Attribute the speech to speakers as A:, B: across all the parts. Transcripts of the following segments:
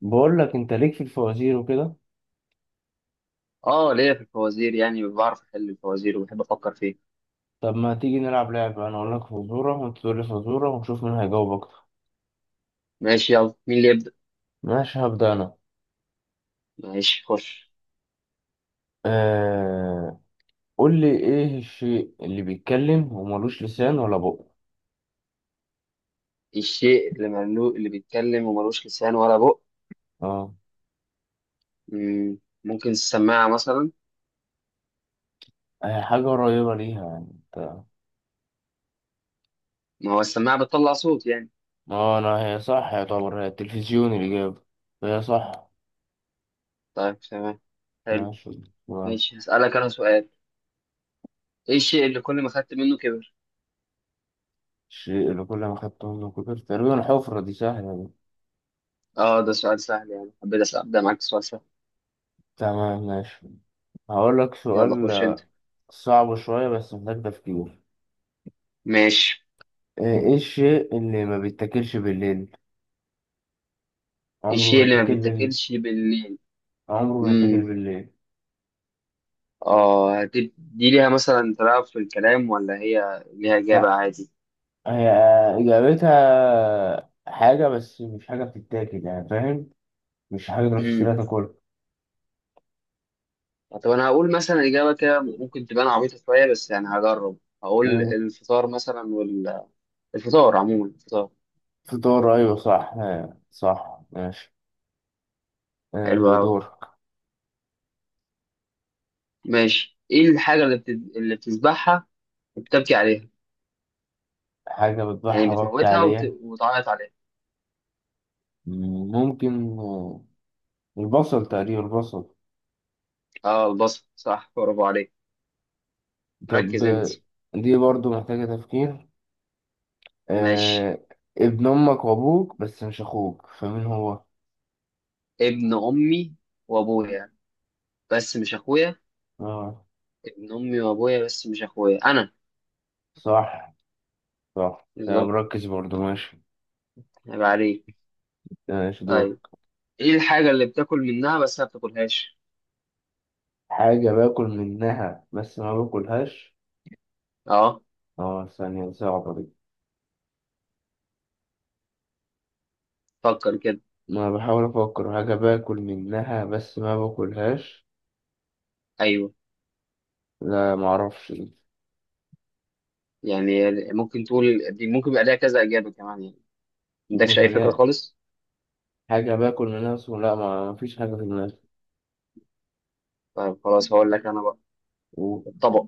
A: بقول لك انت ليك في الفوازير وكده.
B: اه، ليا في الفوازير، يعني بعرف احل الفوازير وبحب افكر فيه.
A: طب ما تيجي نلعب لعبة، انا اقول لك فزورة وانت تقول لي فزورة ونشوف مين هيجاوب اكتر؟
B: ماشي، يلا، مين اللي يبدأ؟
A: ماشي، هبدأ انا.
B: ماشي، خش.
A: آه... قول لي، ايه الشيء اللي بيتكلم وملوش لسان ولا بق؟
B: الشيء اللي اللي بيتكلم وملوش لسان ولا بق؟
A: اه،
B: ممكن السماعة مثلا.
A: هي حاجة قريبة ليها، يعني انت...
B: ما هو السماعة بتطلع صوت يعني.
A: اه، انا هي صح يعتبر، هي التلفزيون الإجابة. هي صح.
B: طيب، تمام. حلو.
A: ماشي، تمام.
B: ماشي، هسألك انا سؤال. ايه الشيء اللي كل ما خدت منه كبر؟
A: الشيء اللي كل ما خدته منه كبر، تقريبا الحفرة دي، سهلة دي.
B: اه، ده سؤال سهل يعني، ابدأ معاك سؤال سهل.
A: تمام ماشي، هقول لك
B: يلا،
A: سؤال.
B: خش انت.
A: صعب شوية بس محتاج تفكير.
B: ماشي.
A: ايه الشيء اللي ما بيتاكلش بالليل، عمره
B: الشيء
A: ما
B: اللي ما
A: يتاكل بالليل؟
B: بيتاكلش بالليل.
A: عمره ما يتاكل بالليل.
B: اه، دي ليها مثلا تلاعب في الكلام ولا هي ليها إجابة
A: لا،
B: عادي؟
A: هي اجابتها حاجة بس مش حاجة بتتاكل، يعني فاهم، مش حاجة تروح
B: امم.
A: تشتريها تاكلها.
B: طب أنا هقول مثلا إجابة كده ممكن تبان عبيطة شوية بس يعني هجرب، هقول
A: مم.
B: الفطار مثلا الفطار عموما، الفطار.
A: فطار، ايوه صح، صح ماشي.
B: حلو أوي.
A: دور.
B: ماشي، إيه الحاجة اللي اللي بتذبحها وبتبكي عليها؟
A: حاجة بتبيعها
B: يعني
A: وقت
B: بتموتها
A: عليها.
B: وتعيط عليها.
A: ممكن، البصل، تقريبا البصل.
B: اه، البصل، صح، برافو عليك.
A: طب
B: مركز أنت.
A: دي برضو محتاجة تفكير.
B: ماشي.
A: آه، ابن امك وابوك بس مش اخوك، فمين هو؟
B: ابن أمي وأبويا بس مش أخويا.
A: اه
B: ابن أمي وأبويا بس مش أخويا، أنا.
A: صح، صح، ده
B: بالظبط.
A: مركز برضه. ماشي
B: هيبقى عليك.
A: ماشي دور.
B: طيب، ايه الحاجة اللي بتاكل منها بس ما بتاكلهاش؟
A: حاجة باكل منها بس ما باكلهاش.
B: اه.
A: اه، ثانية صعبة دي.
B: فكر كده.
A: ما بحاول أفكر، حاجة باكل منها بس ما باكلهاش.
B: ايوه.
A: لا معرفش دي.
B: يعني ممكن تقول دي ممكن يبقى ليها كذا اجابة كمان يعني. ما
A: ممكن
B: عندكش اي
A: يكون
B: فكرة
A: لا،
B: خالص؟
A: حاجة باكل منها بس لا، ما مفيش حاجة في دماغي.
B: طيب، خلاص هقول لك انا بقى.
A: و-
B: الطبق.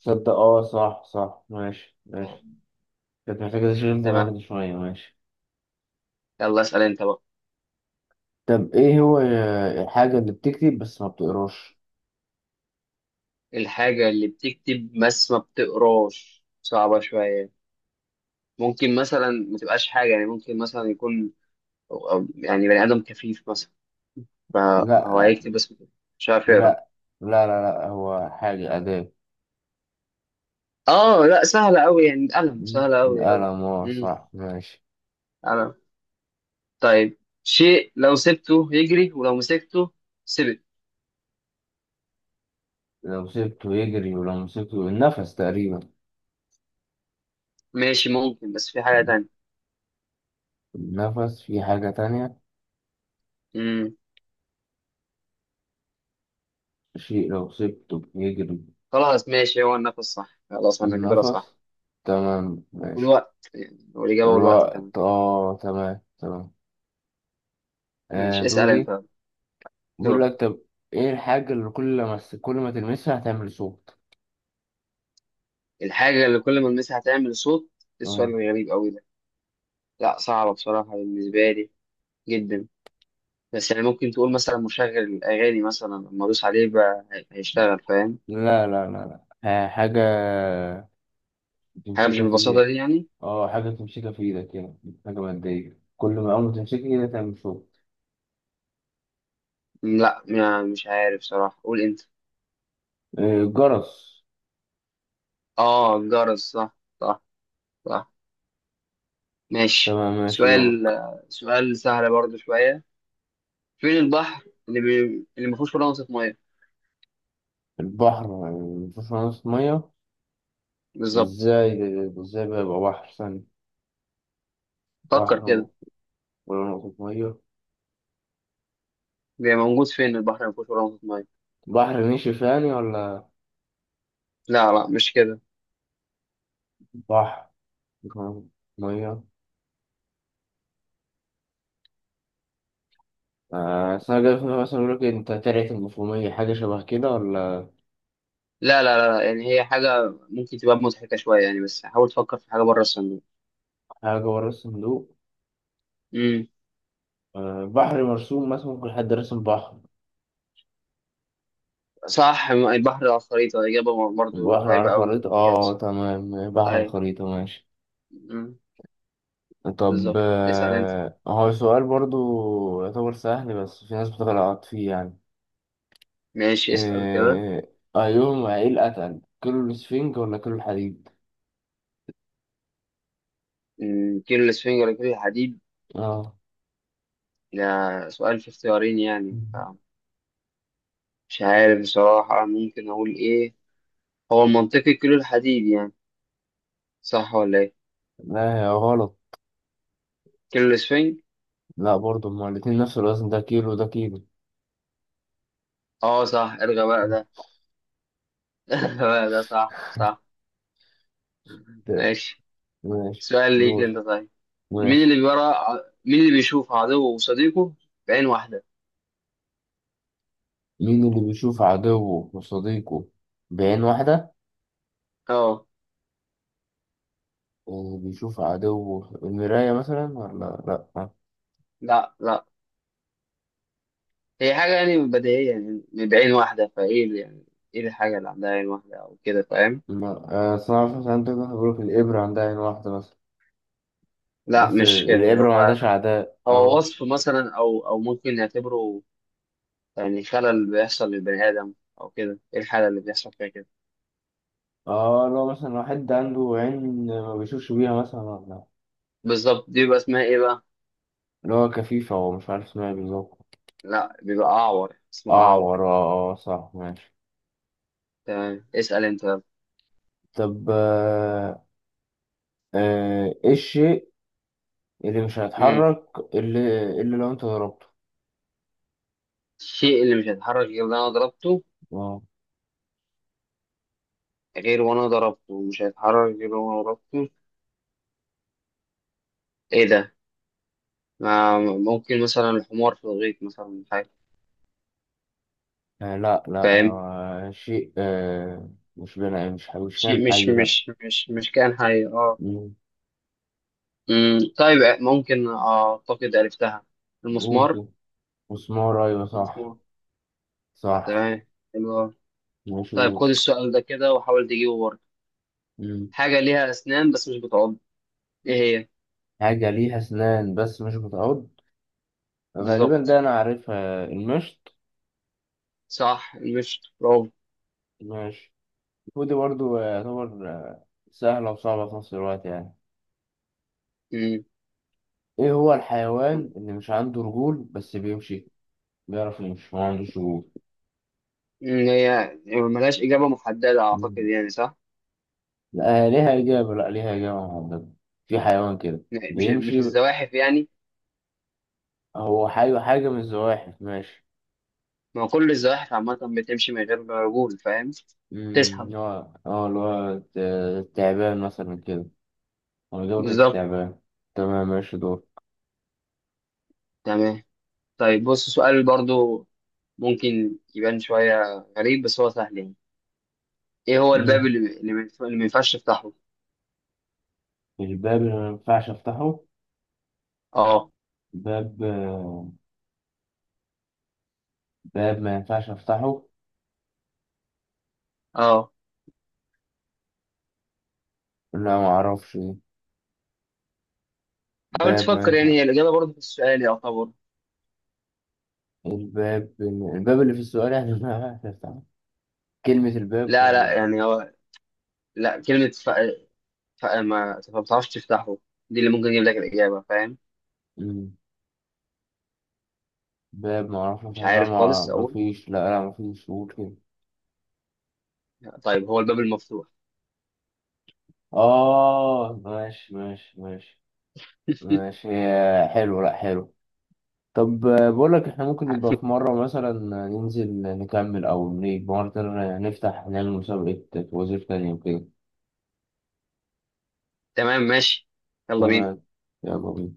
A: تصدق اه، صح صح، ماشي ماشي، كانت محتاجة تشغيل
B: تمام.
A: دماغي شوية. ماشي.
B: يلا، اسأل انت بقى.
A: طب ايه هو الحاجة اللي بتكتب بس ما بتقراش؟
B: الحاجة اللي بتكتب بس ما بتقراش صعبة شوية. ممكن مثلا ما تبقاش حاجة يعني، ممكن مثلا يكون أو يعني بني آدم كفيف مثلا، فهو
A: لا
B: هيكتب بس مش عارف يقرا.
A: لا لا لا، لا هو حاجة أداة.
B: اه، لا، سهلة أوي يعني، القلم، سهلة أوي أوي.
A: القلم، اه صح، ماشي.
B: أنا. طيب، شيء لو سبته يجري ولو مسكته. سبت.
A: لو سبته يجري ولو مسكته، النفس تقريبا.
B: ماشي، ممكن، بس في حاجة تانية.
A: النفس في حاجة تانية.
B: امم.
A: شيء لو سبته يجري،
B: خلاص، ماشي، هو النفس، صح، خلاص احنا كده صح.
A: النفس. تمام ماشي.
B: والوقت يعني، والإجابة والوقت كمان.
A: والوقت، اه تمام تمام. آه
B: ماشي، اسأل أنت.
A: دوري. بقول
B: دور.
A: لك، طب ايه الحاجة اللي كل ما كل ما تلمسها هتعمل صوت؟
B: الحاجة اللي كل ما ألمسها هتعمل صوت، إيه السؤال
A: اه،
B: الغريب أوي ده؟ لا، صعبة بصراحة بالنسبة لي، جدا. بس يعني ممكن تقول مثلا مشغل الأغاني مثلا، لما أدوس عليه بقى هيشتغل، فاهم؟
A: لا لا لا لا، حاجة
B: حاجة مش
A: تمسكها في
B: بالبساطة دي
A: ايدك.
B: يعني.
A: اه، حاجة تمسكها في ايدك، يعني حاجة مادية، كل ما أول ما تمسكها كده تعمل صوت.
B: لا، مش عارف صراحة، قول أنت.
A: جرس.
B: اه، الجرس، صح، صح، صح. ماشي،
A: تمام ماشي،
B: سؤال.
A: دورك.
B: سؤال سهل برضو شوية. فين البحر اللي اللي ما فيهوش ولا نقطة مية؟
A: البحر يعني مفيهوش نقطة مية؟
B: بالظبط.
A: ازاي ازاي بقى يبقى بحر ثاني؟
B: فكر
A: بحر
B: كده.
A: ولا نقطة مية.
B: بيبقى موجود فين البحر اللي ما فيهوش ولا نقطة مية.
A: بحر نشف يعني، ولا...
B: لا، لا، مش كده.
A: بحر، مفيش نقطة مية. أصل أنا جاي في دماغي مثلا يقول لك أنت ترعة المفهومية، حاجة شبه كده ولا...
B: لا، لا، لا، لا، يعني هي حاجة ممكن تبقى مضحكة شوية يعني، بس حاول تفكر في حاجة بره الصندوق.
A: حاجة ورا الصندوق.
B: امم.
A: بحر مرسوم مثلا، ممكن حد رسم بحر.
B: صح، البحر على الخريطة إجابة برضو
A: بحر على
B: قريبة أوي من
A: الخريطة،
B: الإجابة
A: اه
B: الصح.
A: تمام، بحر على
B: أيوة.
A: الخريطة، ماشي.
B: امم.
A: طب
B: بالظبط، اسأل أنت.
A: هو سؤال برضو يعتبر سهل بس في ناس بتغلط فيه يعني.
B: ماشي، اسأل كده.
A: آه، أيهم، ايه الأتقل، كيلو السفنج ولا كيلو الحديد؟
B: امم، كيلو الإسفنجة ولا كيلو الحديد.
A: اه
B: ده سؤال في اختيارين يعني، مش عارف بصراحة ممكن أقول إيه. هو منطقي كيلو الحديد يعني، صح ولا إيه؟
A: لا، هي غلط.
B: كيلو الإسفنج.
A: لا برضو هما الاتنين نفس الوزن، ده كيلو ده كيلو.
B: أه، صح، ارغى بقى ده. ارغى بقى ده، صح، صح.
A: ده-
B: ماشي.
A: ماشي
B: سؤال ليك أنت
A: دور.
B: طيب.
A: ماشي.
B: مين اللي بيشوف عدوه وصديقه بعين واحدة.
A: مين اللي بيشوف عدوه وصديقه بعين واحدة؟
B: أه.
A: اللي بيشوف عدوه المراية، مثلا، ولا لأ...
B: لا، لا. هي حاجة يعني بديهية يعني، بعين واحدة، فإيه يعني، إيه الحاجة اللي عندها عين واحدة أو كده، فاهم؟
A: ما- صناعة الفحم، عندك واحد بيقولك الإبرة عندها عين واحدة مثلا،
B: لا،
A: بس
B: مش كده
A: الإبرة ما
B: هو.
A: عندهاش أعداء،
B: هو
A: اه.
B: وصف مثلا، او ممكن نعتبره، يعني خلل بيحصل للبني ادم، او كده، ايه الحاله اللي بيحصل فيها كده؟
A: اه، لو مثلا واحد عنده عين ما بيشوفش بيها مثلا، ولا...
B: بالظبط، دي بيبقى اسمها ايه بقى؟
A: اللي هو كفيفة، هو مش عارف اسمها إيه بالظبط.
B: لا، بيبقى اعور، اسمها اعور.
A: أعور، اه. آه، أه، صح ماشي.
B: تمام، اسال انت بقى.
A: طب إيه الشيء اللي مش
B: امم.
A: هيتحرك، اللي لو أنت ضربته...
B: الشيء اللي مش هيتحرك غير وانا ضربته.
A: اه،
B: غير وانا ضربته، مش هيتحرك غير وانا ضربته، ايه ده؟ ما ممكن مثلا الحمار في الغيط مثلا، حاجه،
A: لا لا،
B: فاهم؟
A: هو شيء، آه، مش بنا، مش كان
B: شيء مش
A: حي، لا.
B: مش مش مش كائن حي، اه.
A: مم.
B: طيب، ممكن اعتقد عرفتها.
A: قول
B: المسمار.
A: كده. مسمار، أيوة صح،
B: المسمار.
A: صح
B: تمام، حلو أوي.
A: ماشي
B: طيب،
A: دول.
B: خد السؤال ده كده وحاول تجيبه برضه.
A: مم.
B: حاجة ليها أسنان بس مش بتعض. إيه هي؟
A: حاجة ليها أسنان بس مش بتعض، غالبا ده
B: بالظبط،
A: أنا عارفها، المشط.
B: صح، مش برافو.
A: ماشي. ودي برضو يعتبر سهلة وصعبة في نفس الوقت، يعني
B: مم.
A: إيه هو الحيوان اللي مش عنده رجول بس بيمشي، بيعرف يمشي ما عندوش رجول.
B: هي، يعني ملهاش إجابة محددة أعتقد
A: مم.
B: يعني، صح.
A: لا ليها إجابة، لا ليها إجابة محددة، في حيوان كده
B: مش
A: بيمشي.
B: الزواحف يعني.
A: هو حي، حاجة من الزواحف، ماشي.
B: ما هو كل الزواحف عامة بتمشي من غير رجول، فاهم؟ تسحب.
A: هو اه اللي هو التعبان مثلا كده، هو إجابة كانت
B: بالظبط.
A: التعبان. تمام ماشي.
B: تمام. طيب، بص، سؤال برضو، ممكن يبان شوية غريب بس هو سهل يعني. إيه هو
A: دور.
B: الباب اللي ما ينفعش تفتحه؟
A: مش باب اللي ما ينفعش افتحه؟
B: أه.
A: باب باب ما ينفعش افتحه،
B: أه.
A: لا ما اعرفش إيه.
B: حاول
A: باب ما
B: تفكر يعني،
A: ينفع،
B: هي الإجابة برضه في السؤال يعتبر.
A: الباب، الباب اللي في السؤال يعني ما ينفعش افتحه، كلمة الباب
B: لا، لا،
A: ولا...
B: يعني هو، لا، كلمة ما بتعرفش تفتحه، دي اللي ممكن يجيب لك الإجابة، فاهم؟
A: مم. باب ما اعرفش
B: مش
A: افتحه، لا
B: عارف
A: ما
B: خالص
A: ما
B: أقول.
A: فيش، لا لا ما فيش، قول كده.
B: طيب، هو الباب المفتوح.
A: اه ماشي ماشي ماشي. ماشي، هي حلو، لا حلو. طب بقول لك احنا ممكن نبقى في مرة مثلا ننزل نكمل، او نيجي مرة تانية نفتح نعمل مسابقة وزير تانية وكده.
B: تمام، ماشي، يلا بينا.
A: تمام، يلا بينا.